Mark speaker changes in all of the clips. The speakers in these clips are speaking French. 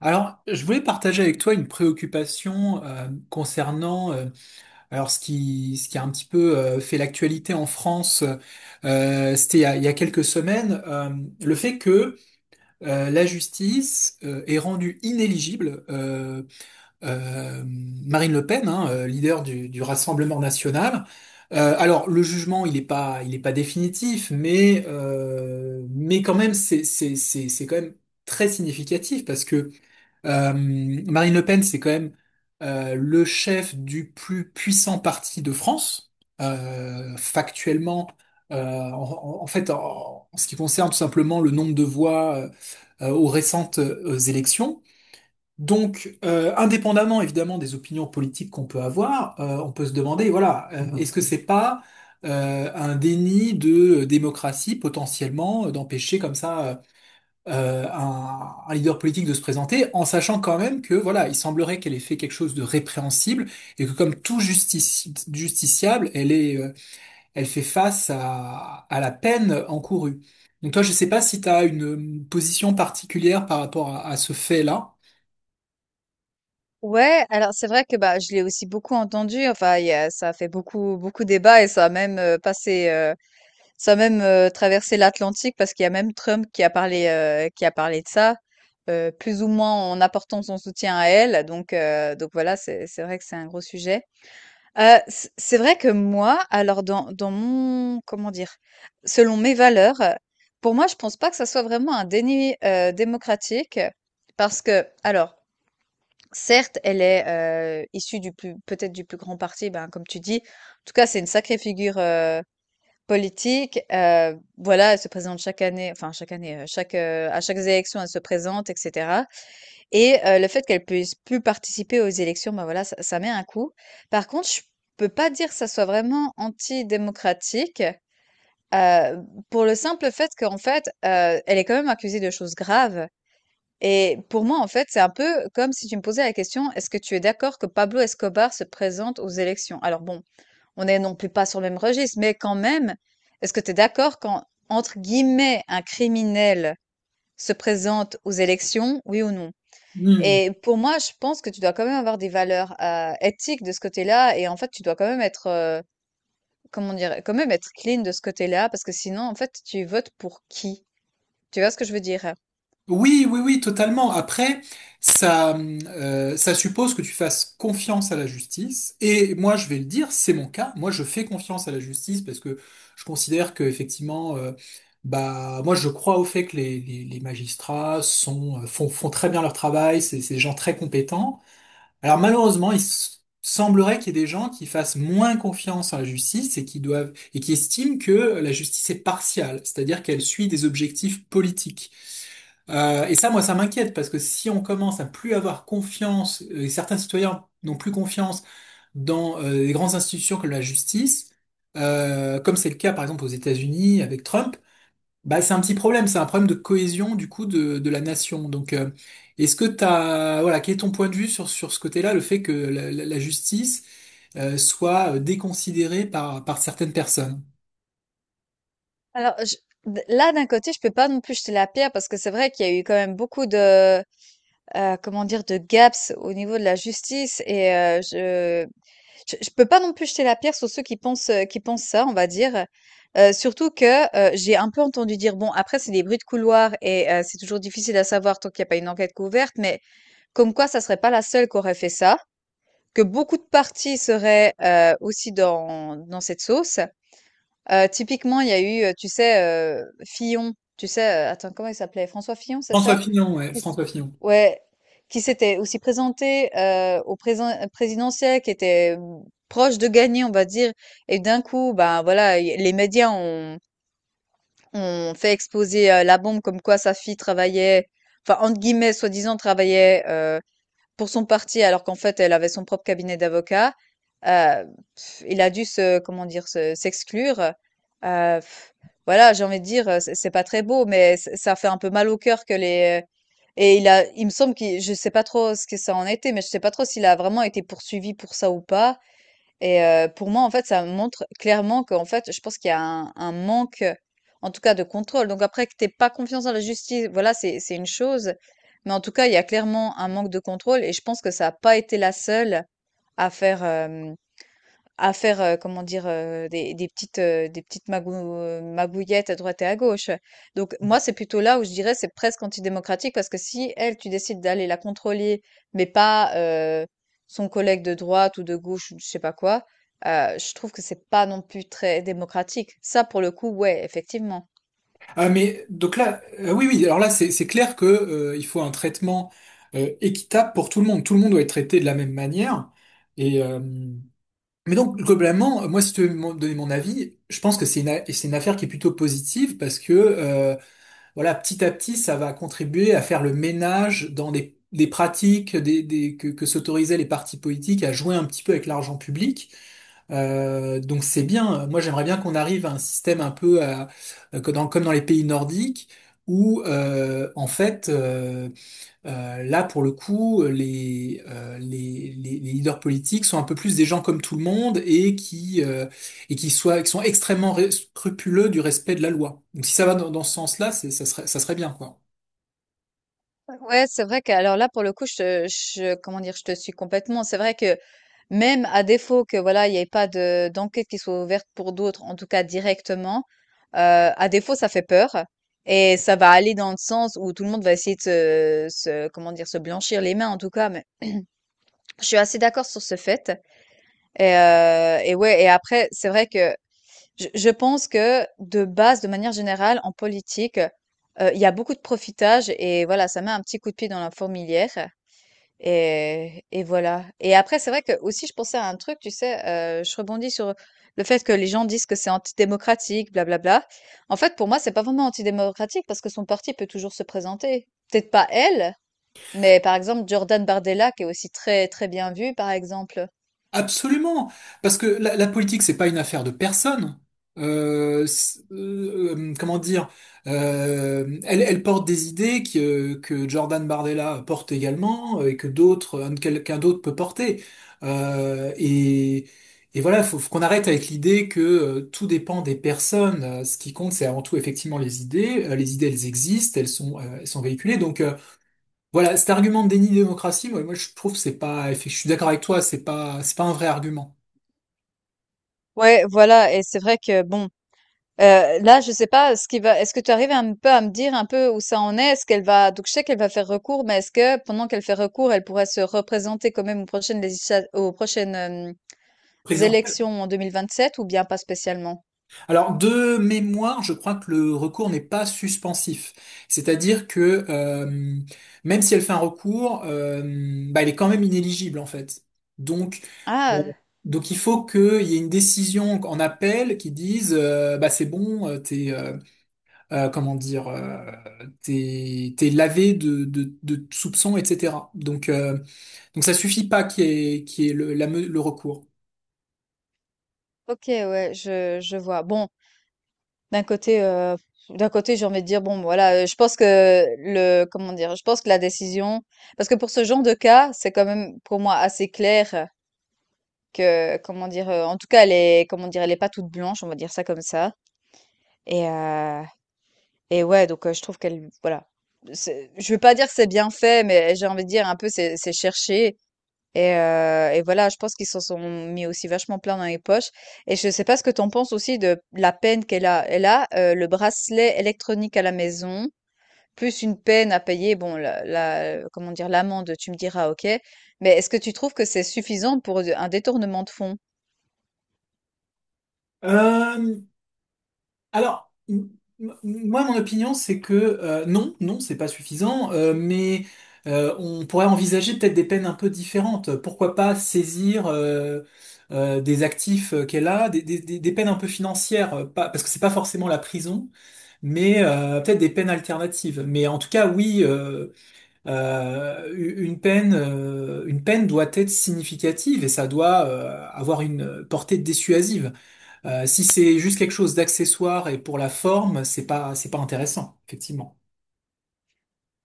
Speaker 1: Alors, je voulais partager avec toi une préoccupation concernant alors ce qui a un petit peu fait l'actualité en France. C'était il y a quelques semaines le fait que la justice ait rendu inéligible Marine Le Pen, hein, leader du Rassemblement national. Alors, le jugement, il est pas définitif, mais quand même c'est quand même très significatif parce que Marine Le Pen, c'est quand même le chef du plus puissant parti de France. Factuellement, en fait, en ce qui concerne tout simplement le nombre de voix aux récentes élections. Donc, indépendamment évidemment des opinions politiques qu'on peut avoir, on peut se demander, voilà, est-ce que c'est pas un déni de démocratie potentiellement d'empêcher comme ça un leader politique de se présenter, en sachant quand même que voilà, il semblerait qu'elle ait fait quelque chose de répréhensible et que comme tout justiciable, elle est, elle fait face à la peine encourue. Donc toi, je sais pas si tu as une position particulière par rapport à ce fait-là.
Speaker 2: Ouais, alors c'est vrai que, bah, je l'ai aussi beaucoup entendu, enfin il y a ça a fait beaucoup beaucoup débat et ça a même traversé l'Atlantique parce qu'il y a même Trump qui a parlé, qui a parlé de ça, plus ou moins en apportant son soutien à elle. Donc voilà, c'est vrai que c'est un gros sujet. C'est vrai que moi, alors dans mon, comment dire? Selon mes valeurs, pour moi, je pense pas que ça soit vraiment un déni démocratique, parce que alors certes, elle est issue du plus, peut-être du plus grand parti, ben, comme tu dis. En tout cas, c'est une sacrée figure politique. Voilà, elle se présente chaque année, enfin chaque année, à chaque élection, elle se présente, etc. Et le fait qu'elle puisse plus participer aux élections, ben voilà, ça met un coup. Par contre, je peux pas dire que ça soit vraiment antidémocratique, euh, pour le simple fait qu'en fait, elle est quand même accusée de choses graves. Et pour moi, en fait, c'est un peu comme si tu me posais la question: est-ce que tu es d'accord que Pablo Escobar se présente aux élections? Alors bon, on n'est non plus pas sur le même registre, mais quand même, est-ce que tu es d'accord quand, entre guillemets, un criminel se présente aux élections, oui ou non? Et pour moi, je pense que tu dois quand même avoir des valeurs éthiques de ce côté-là, et en fait, tu dois quand même être clean de ce côté-là, parce que sinon, en fait, tu votes pour qui? Tu vois ce que je veux dire?
Speaker 1: Oui, oui, oui, totalement. Après, ça, ça suppose que tu fasses confiance à la justice. Et moi, je vais le dire, c'est mon cas. Moi, je fais confiance à la justice parce que je considère que effectivement, bah, moi, je crois au fait que les magistrats sont, font, font très bien leur travail. C'est des gens très compétents. Alors malheureusement, semblerait qu'il y ait des gens qui fassent moins confiance à la justice et qui doivent et qui estiment que la justice est partiale, c'est-à-dire qu'elle suit des objectifs politiques. Et ça, moi, ça m'inquiète parce que si on commence à plus avoir confiance, et certains citoyens n'ont plus confiance dans les grandes institutions comme la justice, comme c'est le cas par exemple aux États-Unis avec Trump, bah c'est un petit problème, c'est un problème de cohésion du coup de la nation. Donc, est-ce que t'as, voilà, quel est ton point de vue sur sur ce côté-là, le fait que la justice soit déconsidérée par par certaines personnes?
Speaker 2: Alors, là, d'un côté, je peux pas non plus jeter la pierre parce que c'est vrai qu'il y a eu quand même beaucoup de gaps au niveau de la justice et je peux pas non plus jeter la pierre sur ceux qui pensent ça, on va dire. Surtout que j'ai un peu entendu dire, bon, après, c'est des bruits de couloir et c'est toujours difficile à savoir tant qu'il n'y a pas une enquête couverte, mais comme quoi, ça serait pas la seule qui aurait fait ça. Que beaucoup de parties seraient aussi dans cette sauce. Typiquement, il y a eu, tu sais, Fillon, tu sais, attends, comment il s'appelait? François Fillon, c'est
Speaker 1: François
Speaker 2: ça?
Speaker 1: Fillon, ouais,
Speaker 2: Qui s
Speaker 1: François Fillon.
Speaker 2: ouais, qui s'était aussi présenté, au présen présidentiel, qui était proche de gagner, on va dire, et d'un coup, ben, voilà, il les médias ont fait exploser, la bombe, comme quoi sa fille travaillait, enfin, entre guillemets, soi-disant travaillait, pour son parti, alors qu'en fait, elle avait son propre cabinet d'avocats. Heu, il a dû se, comment dire? Se s'exclure, heu, voilà. J'ai envie de dire, c'est pas très beau, mais ç ça fait un peu mal au cœur que les et il a il me semble, qu'il je sais pas trop ce que ça en était, mais je sais pas trop s'il a vraiment été poursuivi pour ça ou pas. Et pour moi, en fait, ça montre clairement qu'en fait, je pense qu'il y a un manque, en tout cas de contrôle. Donc après que t'aies pas confiance en la justice, voilà, c'est une chose. Mais en tout cas, il y a clairement un manque de contrôle et je pense que ça a pas été la seule à faire, hem à faire, des petites magouillettes à droite et à gauche. Donc moi, c'est plutôt là où je dirais c'est presque antidémocratique parce que si elle, tu décides d'aller la contrôler, mais pas, son collègue de droite ou de gauche ou je sais pas quoi, je trouve que c'est pas non plus très démocratique. Ça, pour le coup, ouais, effectivement.
Speaker 1: Ah mais donc là, oui oui, alors là c'est clair que il faut un traitement équitable pour tout le monde. Tout le monde doit être traité de la même manière. Et mais donc globalement, moi si tu veux me donner mon avis, je pense que c'est c'est une affaire qui est plutôt positive parce que voilà petit à petit ça va contribuer à faire le ménage dans des pratiques que s'autorisaient les partis politiques à jouer un petit peu avec l'argent public. Donc c'est bien. Moi j'aimerais bien qu'on arrive à un système un peu que comme dans les pays nordiques où en fait là pour le coup les leaders politiques sont un peu plus des gens comme tout le monde et qui soient qui sont extrêmement scrupuleux du respect de la loi. Donc si ça va dans ce sens-là, ça serait bien quoi.
Speaker 2: Ouais, c'est vrai que, alors là, pour le coup, je te je comment dire? Je te suis complètement. C'est vrai que même à défaut que voilà, il n'y ait pas de d'enquête qui soit ouverte pour d'autres, en tout cas directement, à défaut, ça fait peur. Et ça va aller dans le sens où tout le monde va essayer de se, comment dire, se blanchir les mains, en tout cas. Mais je suis assez d'accord sur ce fait. Et ouais, et après, c'est vrai que je pense que de base, de manière générale, en politique, il y a beaucoup de profitage et voilà, ça met un petit coup de pied dans la fourmilière. Et voilà. Et après, c'est vrai que aussi, je pensais à un truc, tu sais, je rebondis sur le fait que les gens disent que c'est antidémocratique, blablabla. En fait, pour moi, c'est pas vraiment antidémocratique parce que son parti peut toujours se présenter. Peut-être pas elle, mais par exemple, Jordan Bardella, qui est aussi très, très bien vu, par exemple.
Speaker 1: Absolument, parce que la politique, c'est pas une affaire de personne. Comment dire, elle, elle porte des idées que Jordan Bardella porte également et que d'autres, quelqu'un d'autre peut porter. Euh, et, et voilà, faut qu'on arrête avec l'idée que tout dépend des personnes. Ce qui compte, c'est avant tout effectivement les idées. Les idées, elles existent, elles sont véhiculées. Donc voilà, cet argument de déni de démocratie, moi je trouve que c'est pas, effi- je suis d'accord avec toi, c'est pas un vrai argument
Speaker 2: Ouais, voilà. Et c'est vrai que, bon, là, je sais pas ce qui va, est-ce que tu arrives un peu à me dire un peu où ça en est? Est-ce qu'elle va, donc je sais qu'elle va faire recours, mais est-ce que pendant qu'elle fait recours, elle pourrait se représenter quand même aux prochaines, hem,
Speaker 1: présidentiel.
Speaker 2: élections en 2027 ou bien pas spécialement?
Speaker 1: Alors de mémoire, je crois que le recours n'est pas suspensif, c'est-à-dire que même si elle fait un recours, bah, elle est quand même inéligible en fait. Donc euh,
Speaker 2: Ah,
Speaker 1: donc il faut qu'il y ait une décision en appel qui dise bah c'est bon, t'es comment dire, t'es lavé de soupçons, etc. Donc donc ça suffit pas qu'il y ait, qu'il y ait le recours.
Speaker 2: OK, ouais, je vois. Bon, d'un côté, j'ai envie de dire: «Bon, voilà», je pense que le comment dire? Je pense que la décision, parce que pour ce genre de cas, c'est quand même pour moi assez clair, que, comment dire? En tout cas, elle est, comment dire? Elle est pas toute blanche, on va dire ça comme ça. Et heu et ouais, donc je trouve qu'elle, voilà, c'est je veux pas dire que c'est bien fait, mais j'ai envie de dire un peu c'est cherché, et voilà, je pense qu'ils s'en sont mis aussi vachement plein dans les poches et je sais pas ce que t'en penses aussi de la peine qu'elle a. Elle a, le bracelet électronique à la maison, plus une peine à payer, bon, la la comment dire? L'amende, tu me diras OK, mais est-ce que tu trouves que c'est suffisant pour un détournement de fonds?
Speaker 1: Euh, alors, m- Moi, mon opinion, c'est que non, non, c'est pas suffisant, mais on pourrait envisager peut-être des peines un peu différentes. Pourquoi pas saisir des actifs qu'elle a, des peines un peu financières, pas, parce que c'est pas forcément la prison, mais peut-être des peines alternatives. Mais en tout cas, oui. Une peine, une peine doit être significative et ça doit avoir une portée dissuasive. Si c'est juste quelque chose d'accessoire et pour la forme, c'est pas intéressant, effectivement.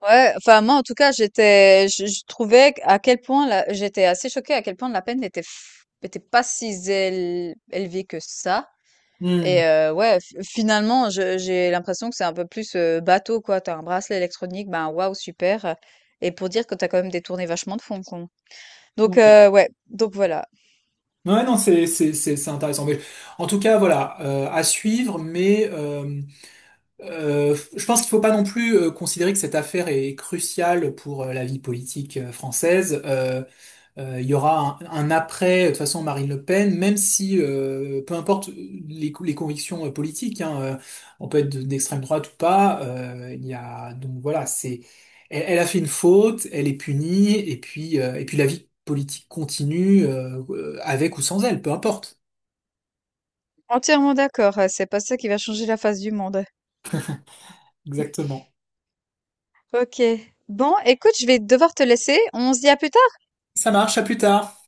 Speaker 2: Ouais, enfin moi, en tout cas, j'étais, je trouvais à quel point j'étais assez choquée à quel point la peine n'était pas si élevée que ça.
Speaker 1: Hmm.
Speaker 2: Et ouais, finalement, j'ai l'impression que c'est un peu plus bateau quoi. T'as un bracelet électronique, ben waouh super. Et pour dire que t'as quand même détourné vachement de fonds con. Donc
Speaker 1: Ouais.
Speaker 2: ouais, donc voilà.
Speaker 1: Ouais, non, c'est intéressant. Mais en tout cas, voilà, à suivre, je pense qu'il faut pas non plus considérer que cette affaire est cruciale pour la vie politique française. Il y aura un après, de toute façon, Marine Le Pen, même si, peu importe les convictions politiques, hein, on peut être d'extrême droite ou pas, donc voilà, c'est, elle, elle a fait une faute, elle est punie, et puis la vie politique continue, avec ou sans elle, peu importe.
Speaker 2: Entièrement d'accord. C'est pas ça qui va changer la face du monde.
Speaker 1: Exactement.
Speaker 2: Ok. Bon, écoute, je vais devoir te laisser. On se dit à plus tard.
Speaker 1: Ça marche, à plus tard.